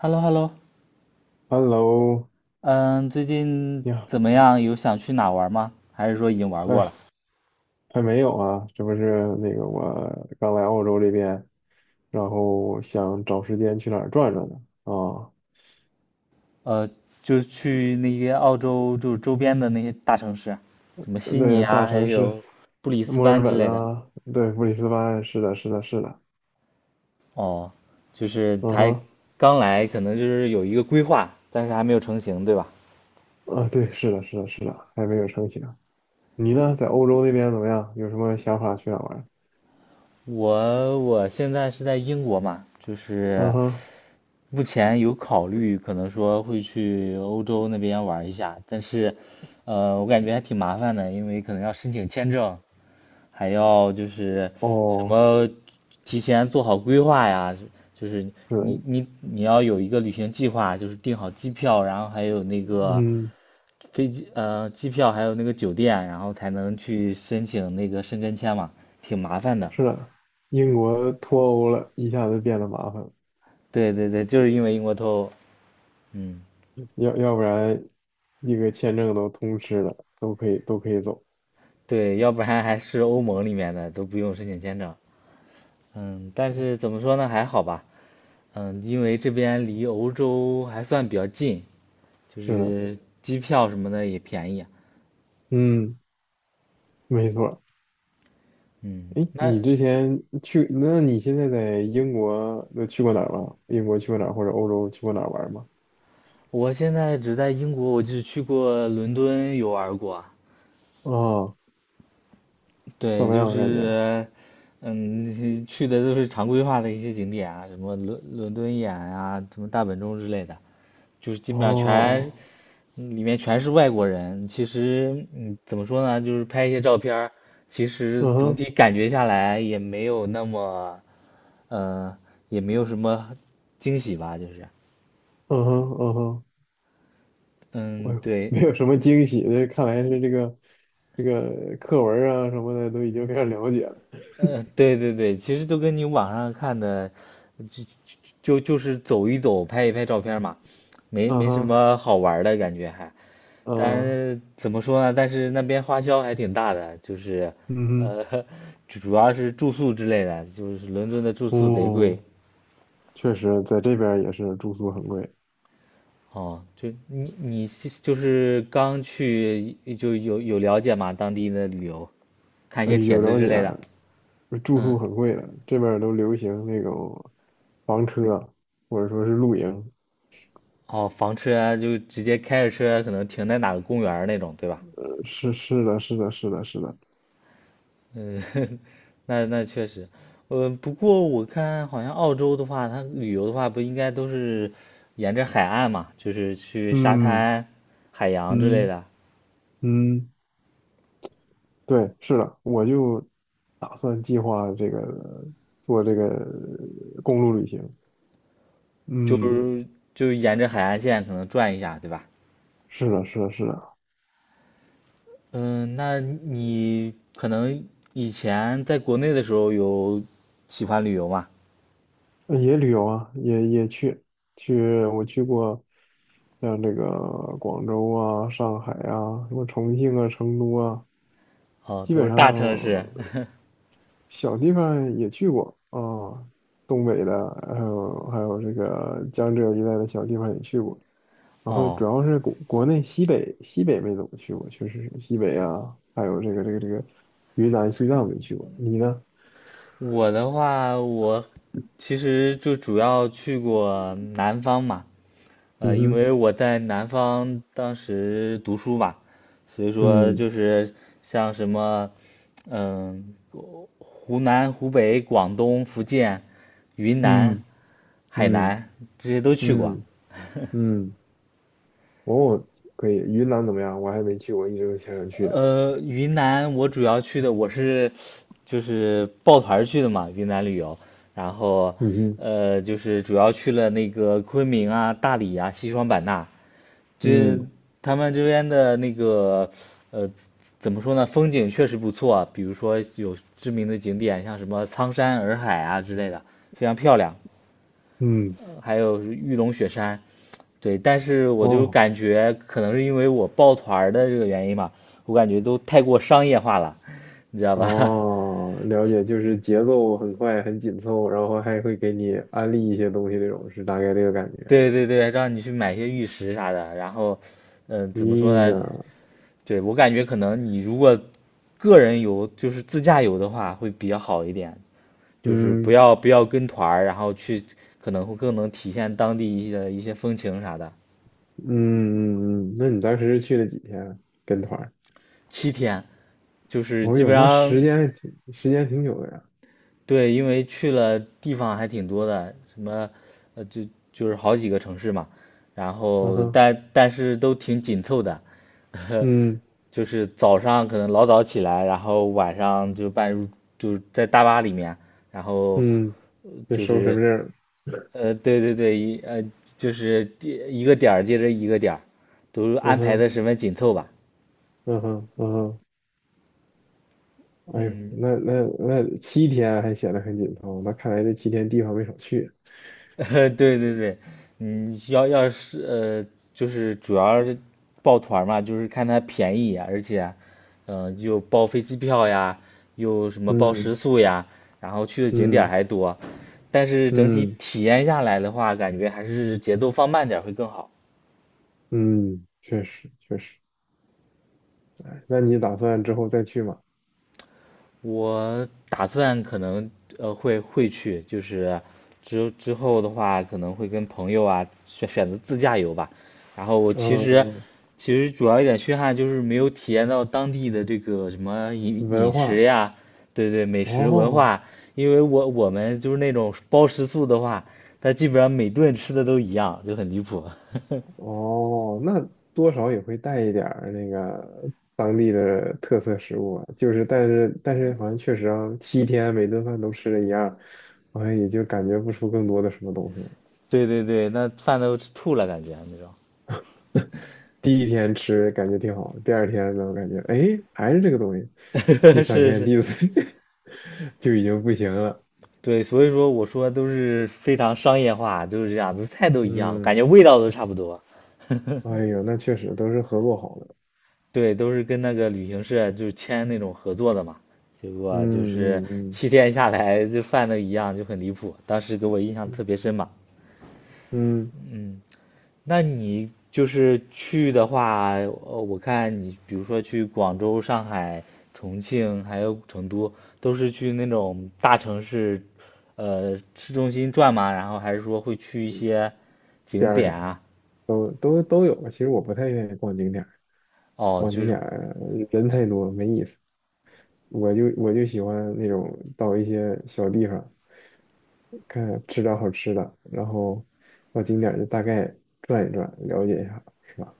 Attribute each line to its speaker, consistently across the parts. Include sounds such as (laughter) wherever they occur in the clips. Speaker 1: h e l l o h e l l o
Speaker 2: Hello，
Speaker 1: 嗯，最近
Speaker 2: 你好，
Speaker 1: 怎么样？有想去哪玩吗？还是说已经玩过了？
Speaker 2: 哎，还没有啊，这不是那个我刚来澳洲这边，然后想找时间去哪儿转转呢？啊，
Speaker 1: 呃，就是去那些澳洲就是周边的那些大城市，什么悉尼
Speaker 2: 对，大
Speaker 1: 啊，还
Speaker 2: 城市，
Speaker 1: 有布里斯
Speaker 2: 墨尔
Speaker 1: 班之
Speaker 2: 本
Speaker 1: 类的。
Speaker 2: 啊，对，布里斯班，是的，是的，是的，
Speaker 1: 哦，就是
Speaker 2: 嗯
Speaker 1: 才
Speaker 2: 哼，
Speaker 1: 刚来，可能就是有一个规划，但是还没有成型，对吧？
Speaker 2: 啊，对，是的，是的，是的，还没有成型。你呢，在欧洲那边怎么样？有什么想法去哪儿玩？
Speaker 1: 我现在是在英国嘛，就
Speaker 2: 嗯
Speaker 1: 是
Speaker 2: 哼，
Speaker 1: 目前有考虑，可能说会去欧洲那边玩一下，但是，我感觉还挺麻烦的，因为可能要申请签证，还要就是什
Speaker 2: 哦，
Speaker 1: 么提前做好规划呀，就是
Speaker 2: 是的，
Speaker 1: 你要有一个旅行计划，就是订好机票，然后还有那个
Speaker 2: 嗯，
Speaker 1: 机票，还有那个酒店，然后才能去申请那个申根签嘛，挺麻烦的。
Speaker 2: 是的，英国脱欧了，一下子变得麻烦了，
Speaker 1: 对对对，就是因为英国脱欧，嗯。
Speaker 2: 要不然一个签证都通吃了，都可以走。
Speaker 1: 对，要不然还是欧盟里面的都不用申请签证。嗯，但是怎么说呢，还好吧。因为这边离欧洲还算比较近，就
Speaker 2: 是的，
Speaker 1: 是机票什么的也便宜。
Speaker 2: 嗯，没错。
Speaker 1: 嗯，
Speaker 2: 哎，
Speaker 1: 那
Speaker 2: 你之前去，那你现在在英国都去过哪儿吗？英国去过哪儿，或者欧洲去过哪儿玩儿吗？
Speaker 1: 我现在只在英国，我就去过伦敦游玩过。
Speaker 2: 啊，怎
Speaker 1: 对，
Speaker 2: 么
Speaker 1: 就
Speaker 2: 样啊感觉？
Speaker 1: 是，(laughs) 去的都是常规化的一些景点啊，什么伦敦眼啊，什么大本钟之类的，就是基本上全，
Speaker 2: 哦，
Speaker 1: 里面全是外国人。其实，怎么说呢，就是拍一些照片儿，其实
Speaker 2: 嗯
Speaker 1: 总体
Speaker 2: 哼，
Speaker 1: 感觉下来也没有那么，呃，也没有什么惊喜吧，就是，
Speaker 2: 嗯哼，嗯哼，哎
Speaker 1: 嗯，
Speaker 2: 呦，
Speaker 1: 对，
Speaker 2: 没有什么惊喜，这看来是这个课文儿啊什么的都已经非常了解了。
Speaker 1: 对对对，其实就跟你网上看的，就就就是走一走，拍一拍照片嘛，没
Speaker 2: 嗯
Speaker 1: 没什
Speaker 2: 哼，
Speaker 1: 么好玩儿的感觉还。
Speaker 2: 嗯，
Speaker 1: 但怎么说呢？但是那边花销还挺大的，就是，
Speaker 2: 嗯哼，
Speaker 1: 呃，(laughs) 主要是住宿之类的，就是伦敦的住宿贼贵。
Speaker 2: 哦，确实在这边儿也是住宿很贵。
Speaker 1: 哦，就你是就是刚去就有了解嘛，当地的旅游，看一
Speaker 2: 哎，
Speaker 1: 些帖
Speaker 2: 有
Speaker 1: 子
Speaker 2: 了
Speaker 1: 之
Speaker 2: 解
Speaker 1: 类的。
Speaker 2: 啊，住宿
Speaker 1: 嗯
Speaker 2: 很贵的，这边儿都流行那种房车，或者说是露营。
Speaker 1: 哦，房车啊就直接开着车啊，可能停在哪个公园儿那种，对吧？
Speaker 2: 是的，是的，是的，是的。
Speaker 1: 嗯，(laughs) 那确实，不过我看好像澳洲的话，它旅游的话，不应该都是沿着海岸嘛，就是去沙
Speaker 2: 嗯
Speaker 1: 滩、海洋之类
Speaker 2: 嗯
Speaker 1: 的，
Speaker 2: 嗯，对，是的，我就打算计划这个做这个公路旅行。
Speaker 1: 就
Speaker 2: 嗯，
Speaker 1: 是就沿着海岸线可能转一下，对吧？
Speaker 2: 是的，是的，是的，
Speaker 1: 嗯，那你可能以前在国内的时候有喜欢旅游吗？
Speaker 2: 也旅游啊，也去，我去过像这个广州啊、上海啊、什么重庆啊、成都啊。
Speaker 1: 哦，
Speaker 2: 基
Speaker 1: 都
Speaker 2: 本
Speaker 1: 是
Speaker 2: 上
Speaker 1: 大城市。
Speaker 2: 小地方也去过啊，东北的，还有这个江浙一带的小地方也去过。
Speaker 1: (laughs)
Speaker 2: 然后
Speaker 1: 哦，
Speaker 2: 主要是国内西北没怎么去过，确实是西北啊，还有这个云南、西藏没去过。你呢？
Speaker 1: 我的话，我其实就主要去过南方嘛，
Speaker 2: 嗯
Speaker 1: 因
Speaker 2: 哼，
Speaker 1: 为我在南方当时读书嘛，所以说
Speaker 2: 嗯
Speaker 1: 就是像什么，嗯、湖南、湖北、广东、福建、云南、
Speaker 2: 嗯
Speaker 1: 海
Speaker 2: 嗯
Speaker 1: 南这些都去过。
Speaker 2: 嗯
Speaker 1: (laughs)
Speaker 2: 嗯，哦，可以。云南怎么样？我还没去过，一直都想去的。
Speaker 1: 云南我主要去的，我是就是抱团儿去的嘛，云南旅游，然后
Speaker 2: 嗯哼，
Speaker 1: 就是主要去了那个昆明啊、大理啊、西双版纳，这
Speaker 2: 嗯
Speaker 1: 他们这边的那个呃，怎么说呢，风景确实不错啊，比如说有知名的景点，像什么苍山洱海啊之类的，非常漂亮。
Speaker 2: 嗯，
Speaker 1: 还有玉龙雪山，对，但是我就
Speaker 2: 哦。
Speaker 1: 感觉可能是因为我抱团的这个原因吧，我感觉都太过商业化了，你知道吧？
Speaker 2: 哦，了解，就是节奏很快，很紧凑，然后还会给你安利一些东西，那种是大概这个感
Speaker 1: (laughs)
Speaker 2: 觉。
Speaker 1: 对对对，让你去买些玉石啥的，然后，怎么说
Speaker 2: 咦呀，
Speaker 1: 呢？对，我感觉可能你如果个人游，就是自驾游的话，会比较好一点，就是不
Speaker 2: 嗯
Speaker 1: 要不要跟团儿，然后去可能会更能体现当地一些风情啥的。
Speaker 2: 嗯嗯嗯，那你当时是去了几天跟团儿
Speaker 1: 七天，就是
Speaker 2: 哦
Speaker 1: 基本
Speaker 2: 哟，那
Speaker 1: 上，
Speaker 2: 时间挺久的呀。
Speaker 1: 对，因为去了地方还挺多的，什么，呃，就就是好几个城市嘛，然
Speaker 2: 嗯
Speaker 1: 后
Speaker 2: 哼，
Speaker 1: 但是都挺紧凑的，(laughs)
Speaker 2: 嗯
Speaker 1: 就是早上可能老早起来，然后晚上就半入就是在大巴里面，然后
Speaker 2: 嗯，这
Speaker 1: 就
Speaker 2: 收身
Speaker 1: 是，
Speaker 2: 份证儿
Speaker 1: 对对对，就是一个点儿接着一个点儿，都
Speaker 2: 嗯
Speaker 1: 安排的
Speaker 2: 哼
Speaker 1: 十分紧凑吧，
Speaker 2: 嗯哼嗯哼，哎呦，
Speaker 1: 嗯。
Speaker 2: 那七天还显得很紧凑，那看来这七天地方没少去。
Speaker 1: (laughs) 对对对，要是就是主要是抱团儿嘛，就是看它便宜呀而且，又包飞机票呀，又什么包食
Speaker 2: 嗯
Speaker 1: 宿呀，然后去的景点儿
Speaker 2: 嗯
Speaker 1: 还多，但是整体
Speaker 2: 嗯
Speaker 1: 体验下来的话，感觉还是节奏放慢点儿会更好。
Speaker 2: 嗯，确实确实。哎那你打算之后再去吗？
Speaker 1: 我打算可能会去，就是之后的话可能会跟朋友啊选择自驾游吧。然后我其实
Speaker 2: 嗯，
Speaker 1: 其实主要一点缺憾就是没有体验到当地的这个什么饮
Speaker 2: 文
Speaker 1: 饮食
Speaker 2: 化，
Speaker 1: 呀，对对，美食文
Speaker 2: 哦
Speaker 1: 化。因为我们就是那种包食宿的话，它基本上每顿吃的都一样，就很离谱。
Speaker 2: 哦，那多少也会带一点儿那个当地的特色食物啊。就是，但是好像确实啊，七天每顿饭都吃的一样，好像也就感觉不出更多的什么东西来。
Speaker 1: (laughs) 对对对，那饭都吃吐了感觉啊那
Speaker 2: 第一天吃感觉挺好，第二天呢，我感觉哎还是这个东西，第
Speaker 1: 种。(laughs)
Speaker 2: 三
Speaker 1: 是
Speaker 2: 天、
Speaker 1: 是。
Speaker 2: 第四天 (laughs) 就已经不行了。
Speaker 1: 对，所以说我说都是非常商业化，都是这样子，菜都一样，感
Speaker 2: 嗯，
Speaker 1: 觉味道都差不多。(laughs)
Speaker 2: 哎呦，那确实都是合作好的。
Speaker 1: 对，都是跟那个旅行社就签那种合作的嘛，结果就是
Speaker 2: 嗯嗯嗯。
Speaker 1: 七天下来就饭都一样，就很离谱，当时给我印象特别深嘛。
Speaker 2: 嗯，
Speaker 1: 嗯。那你就是去的话，我看你比如说去广州、上海、重庆，还有成都，都是去那种大城市，市中心转吗？然后还是说会去一些
Speaker 2: 边
Speaker 1: 景
Speaker 2: 儿
Speaker 1: 点
Speaker 2: 上
Speaker 1: 啊？
Speaker 2: 都有。其实我不太愿意逛景点儿，
Speaker 1: 哦，
Speaker 2: 逛
Speaker 1: 就
Speaker 2: 景
Speaker 1: 是，
Speaker 2: 点儿人太多没意思。我就喜欢那种到一些小地方，看吃点好吃的，然后到景点儿就大概转一转，了解一下，是吧？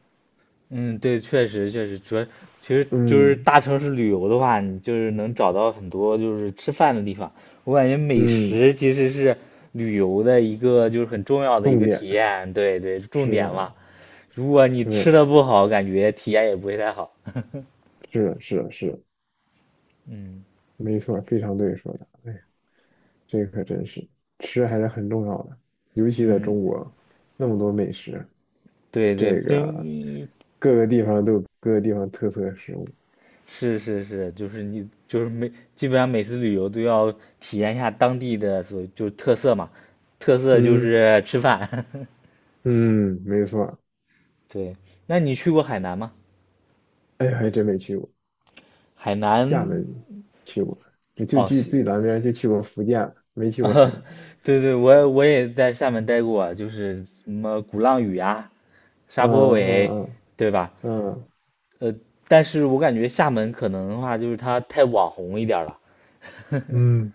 Speaker 1: 嗯，对，确实确实，主要其实就是
Speaker 2: 嗯
Speaker 1: 大城市旅游的话，你就是能找到很多就是吃饭的地方。我感觉美
Speaker 2: 嗯，
Speaker 1: 食其实是旅游的一个就是很重要的一
Speaker 2: 重
Speaker 1: 个
Speaker 2: 点
Speaker 1: 体验，对对，重
Speaker 2: 是
Speaker 1: 点
Speaker 2: 的，
Speaker 1: 嘛。如果你
Speaker 2: 对，
Speaker 1: 吃的不好，感觉体验也不会太好。
Speaker 2: 是的
Speaker 1: 嗯
Speaker 2: 没错，非常对说的。哎呀，这可真是吃还是很重要的，尤其在
Speaker 1: 嗯，
Speaker 2: 中国那么多美食。
Speaker 1: 对对，
Speaker 2: 这个
Speaker 1: 真，
Speaker 2: 各个地方都有各个地方特色的食物。
Speaker 1: 是是是，就是你就是每基本上每次旅游都要体验一下当地的所就是特色嘛，特色就
Speaker 2: 嗯
Speaker 1: 是吃饭。
Speaker 2: 嗯，没错。
Speaker 1: (laughs) 对，那你去过海南吗？
Speaker 2: 哎，还真没去过
Speaker 1: 海
Speaker 2: 厦
Speaker 1: 南
Speaker 2: 门，去过，我就
Speaker 1: 哦，
Speaker 2: 去
Speaker 1: 西
Speaker 2: 最南边就去过福建了没
Speaker 1: (laughs)
Speaker 2: 去过海
Speaker 1: 啊，
Speaker 2: 南。
Speaker 1: 对对，我也在厦门待过，就是什么鼓浪屿啊、沙坡尾，
Speaker 2: 嗯
Speaker 1: 对吧？
Speaker 2: 嗯嗯
Speaker 1: 呃，但是我感觉厦门可能的话，就是它太网红一点了，(laughs)
Speaker 2: 嗯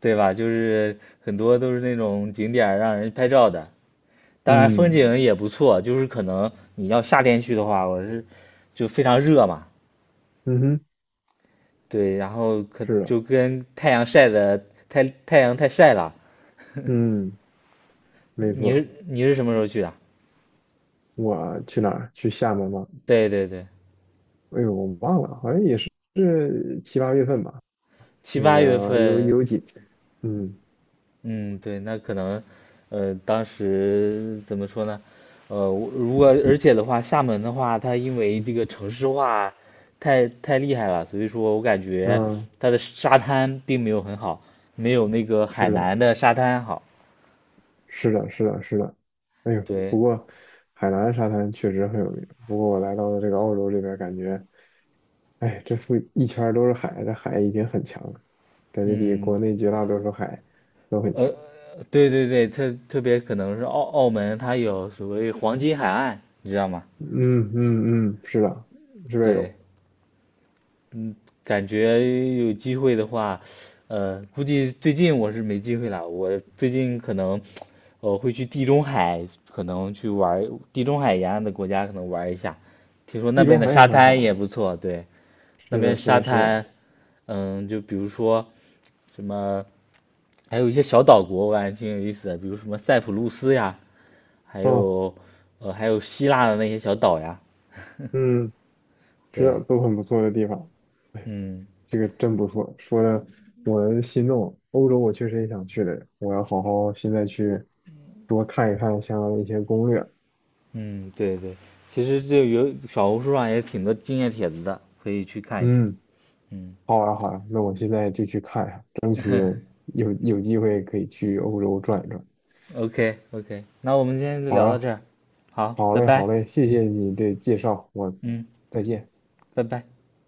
Speaker 1: 对吧？就是很多都是那种景点儿让人拍照的，当然风
Speaker 2: 嗯
Speaker 1: 景也不错，就是可能你要夏天去的话，我是就非常热嘛，
Speaker 2: 嗯嗯哼，
Speaker 1: 对，然后可
Speaker 2: 是的，
Speaker 1: 就跟太阳晒的太阳太晒了。
Speaker 2: 嗯，没
Speaker 1: 你
Speaker 2: 错。
Speaker 1: 是你是什么时候去的？
Speaker 2: 我去哪儿？去厦门吗？
Speaker 1: 对对对，
Speaker 2: 哎呦，我忘了，好像也是七八月份吧。
Speaker 1: 七
Speaker 2: 那
Speaker 1: 八月
Speaker 2: 个有
Speaker 1: 份，
Speaker 2: 有几，嗯
Speaker 1: 嗯，对，那可能，当时怎么说呢？我如果而且的话，厦门的话，它因为这个城市化太厉害了，所以说我感觉
Speaker 2: 嗯，
Speaker 1: 它的沙滩并没有很好，没有那个
Speaker 2: 是
Speaker 1: 海
Speaker 2: 的，
Speaker 1: 南的沙滩好。
Speaker 2: 是的，是的，是的。哎呦，
Speaker 1: 对，
Speaker 2: 不过海南沙滩确实很有名。不过我来到了这个澳洲这边，感觉，哎，这附一圈儿都是海，这海已经很强了，感觉比
Speaker 1: 嗯，
Speaker 2: 国内绝大多数海都很
Speaker 1: 呃，
Speaker 2: 强。
Speaker 1: 对对对，特别可能是澳门，它有所谓黄金海岸，你知道吗？
Speaker 2: 嗯嗯嗯，是的，这边
Speaker 1: 对。
Speaker 2: 有
Speaker 1: 嗯，感觉有机会的话，估计最近我是没机会了。我最近可能，会去地中海，可能去玩儿地中海沿岸的国家，可能玩儿一下。听说那
Speaker 2: 地
Speaker 1: 边
Speaker 2: 中
Speaker 1: 的
Speaker 2: 海也
Speaker 1: 沙
Speaker 2: 很
Speaker 1: 滩也
Speaker 2: 好。
Speaker 1: 不错，对，那
Speaker 2: 是
Speaker 1: 边
Speaker 2: 的，是
Speaker 1: 沙
Speaker 2: 的，是
Speaker 1: 滩，
Speaker 2: 的。
Speaker 1: 就比如说什么，还有一些小岛国，我感觉挺有意思的，比如什么塞浦路斯呀，还
Speaker 2: 哦，
Speaker 1: 有，还有希腊的那些小岛呀，(laughs)
Speaker 2: 嗯，是的，
Speaker 1: 对，
Speaker 2: 都很不错的地方。哎。
Speaker 1: 嗯。
Speaker 2: 这个真不错，说的我心动。欧洲我确实也想去的，我要好好现在去多看一看像一些攻略。
Speaker 1: 嗯，对对，其实就有小红书上也挺多经验帖子的，可以去看一下。
Speaker 2: 嗯，
Speaker 1: 嗯
Speaker 2: 好呀好呀，那我现在就去看一下，
Speaker 1: (laughs)
Speaker 2: 有机会可以去欧洲转一转。
Speaker 1: ，OK OK，那我们今天就
Speaker 2: 好
Speaker 1: 聊到
Speaker 2: 呀，
Speaker 1: 这儿，好，
Speaker 2: 好
Speaker 1: 拜
Speaker 2: 嘞好
Speaker 1: 拜。
Speaker 2: 嘞，谢谢你的介绍，我
Speaker 1: 嗯，
Speaker 2: 再见。
Speaker 1: 拜拜。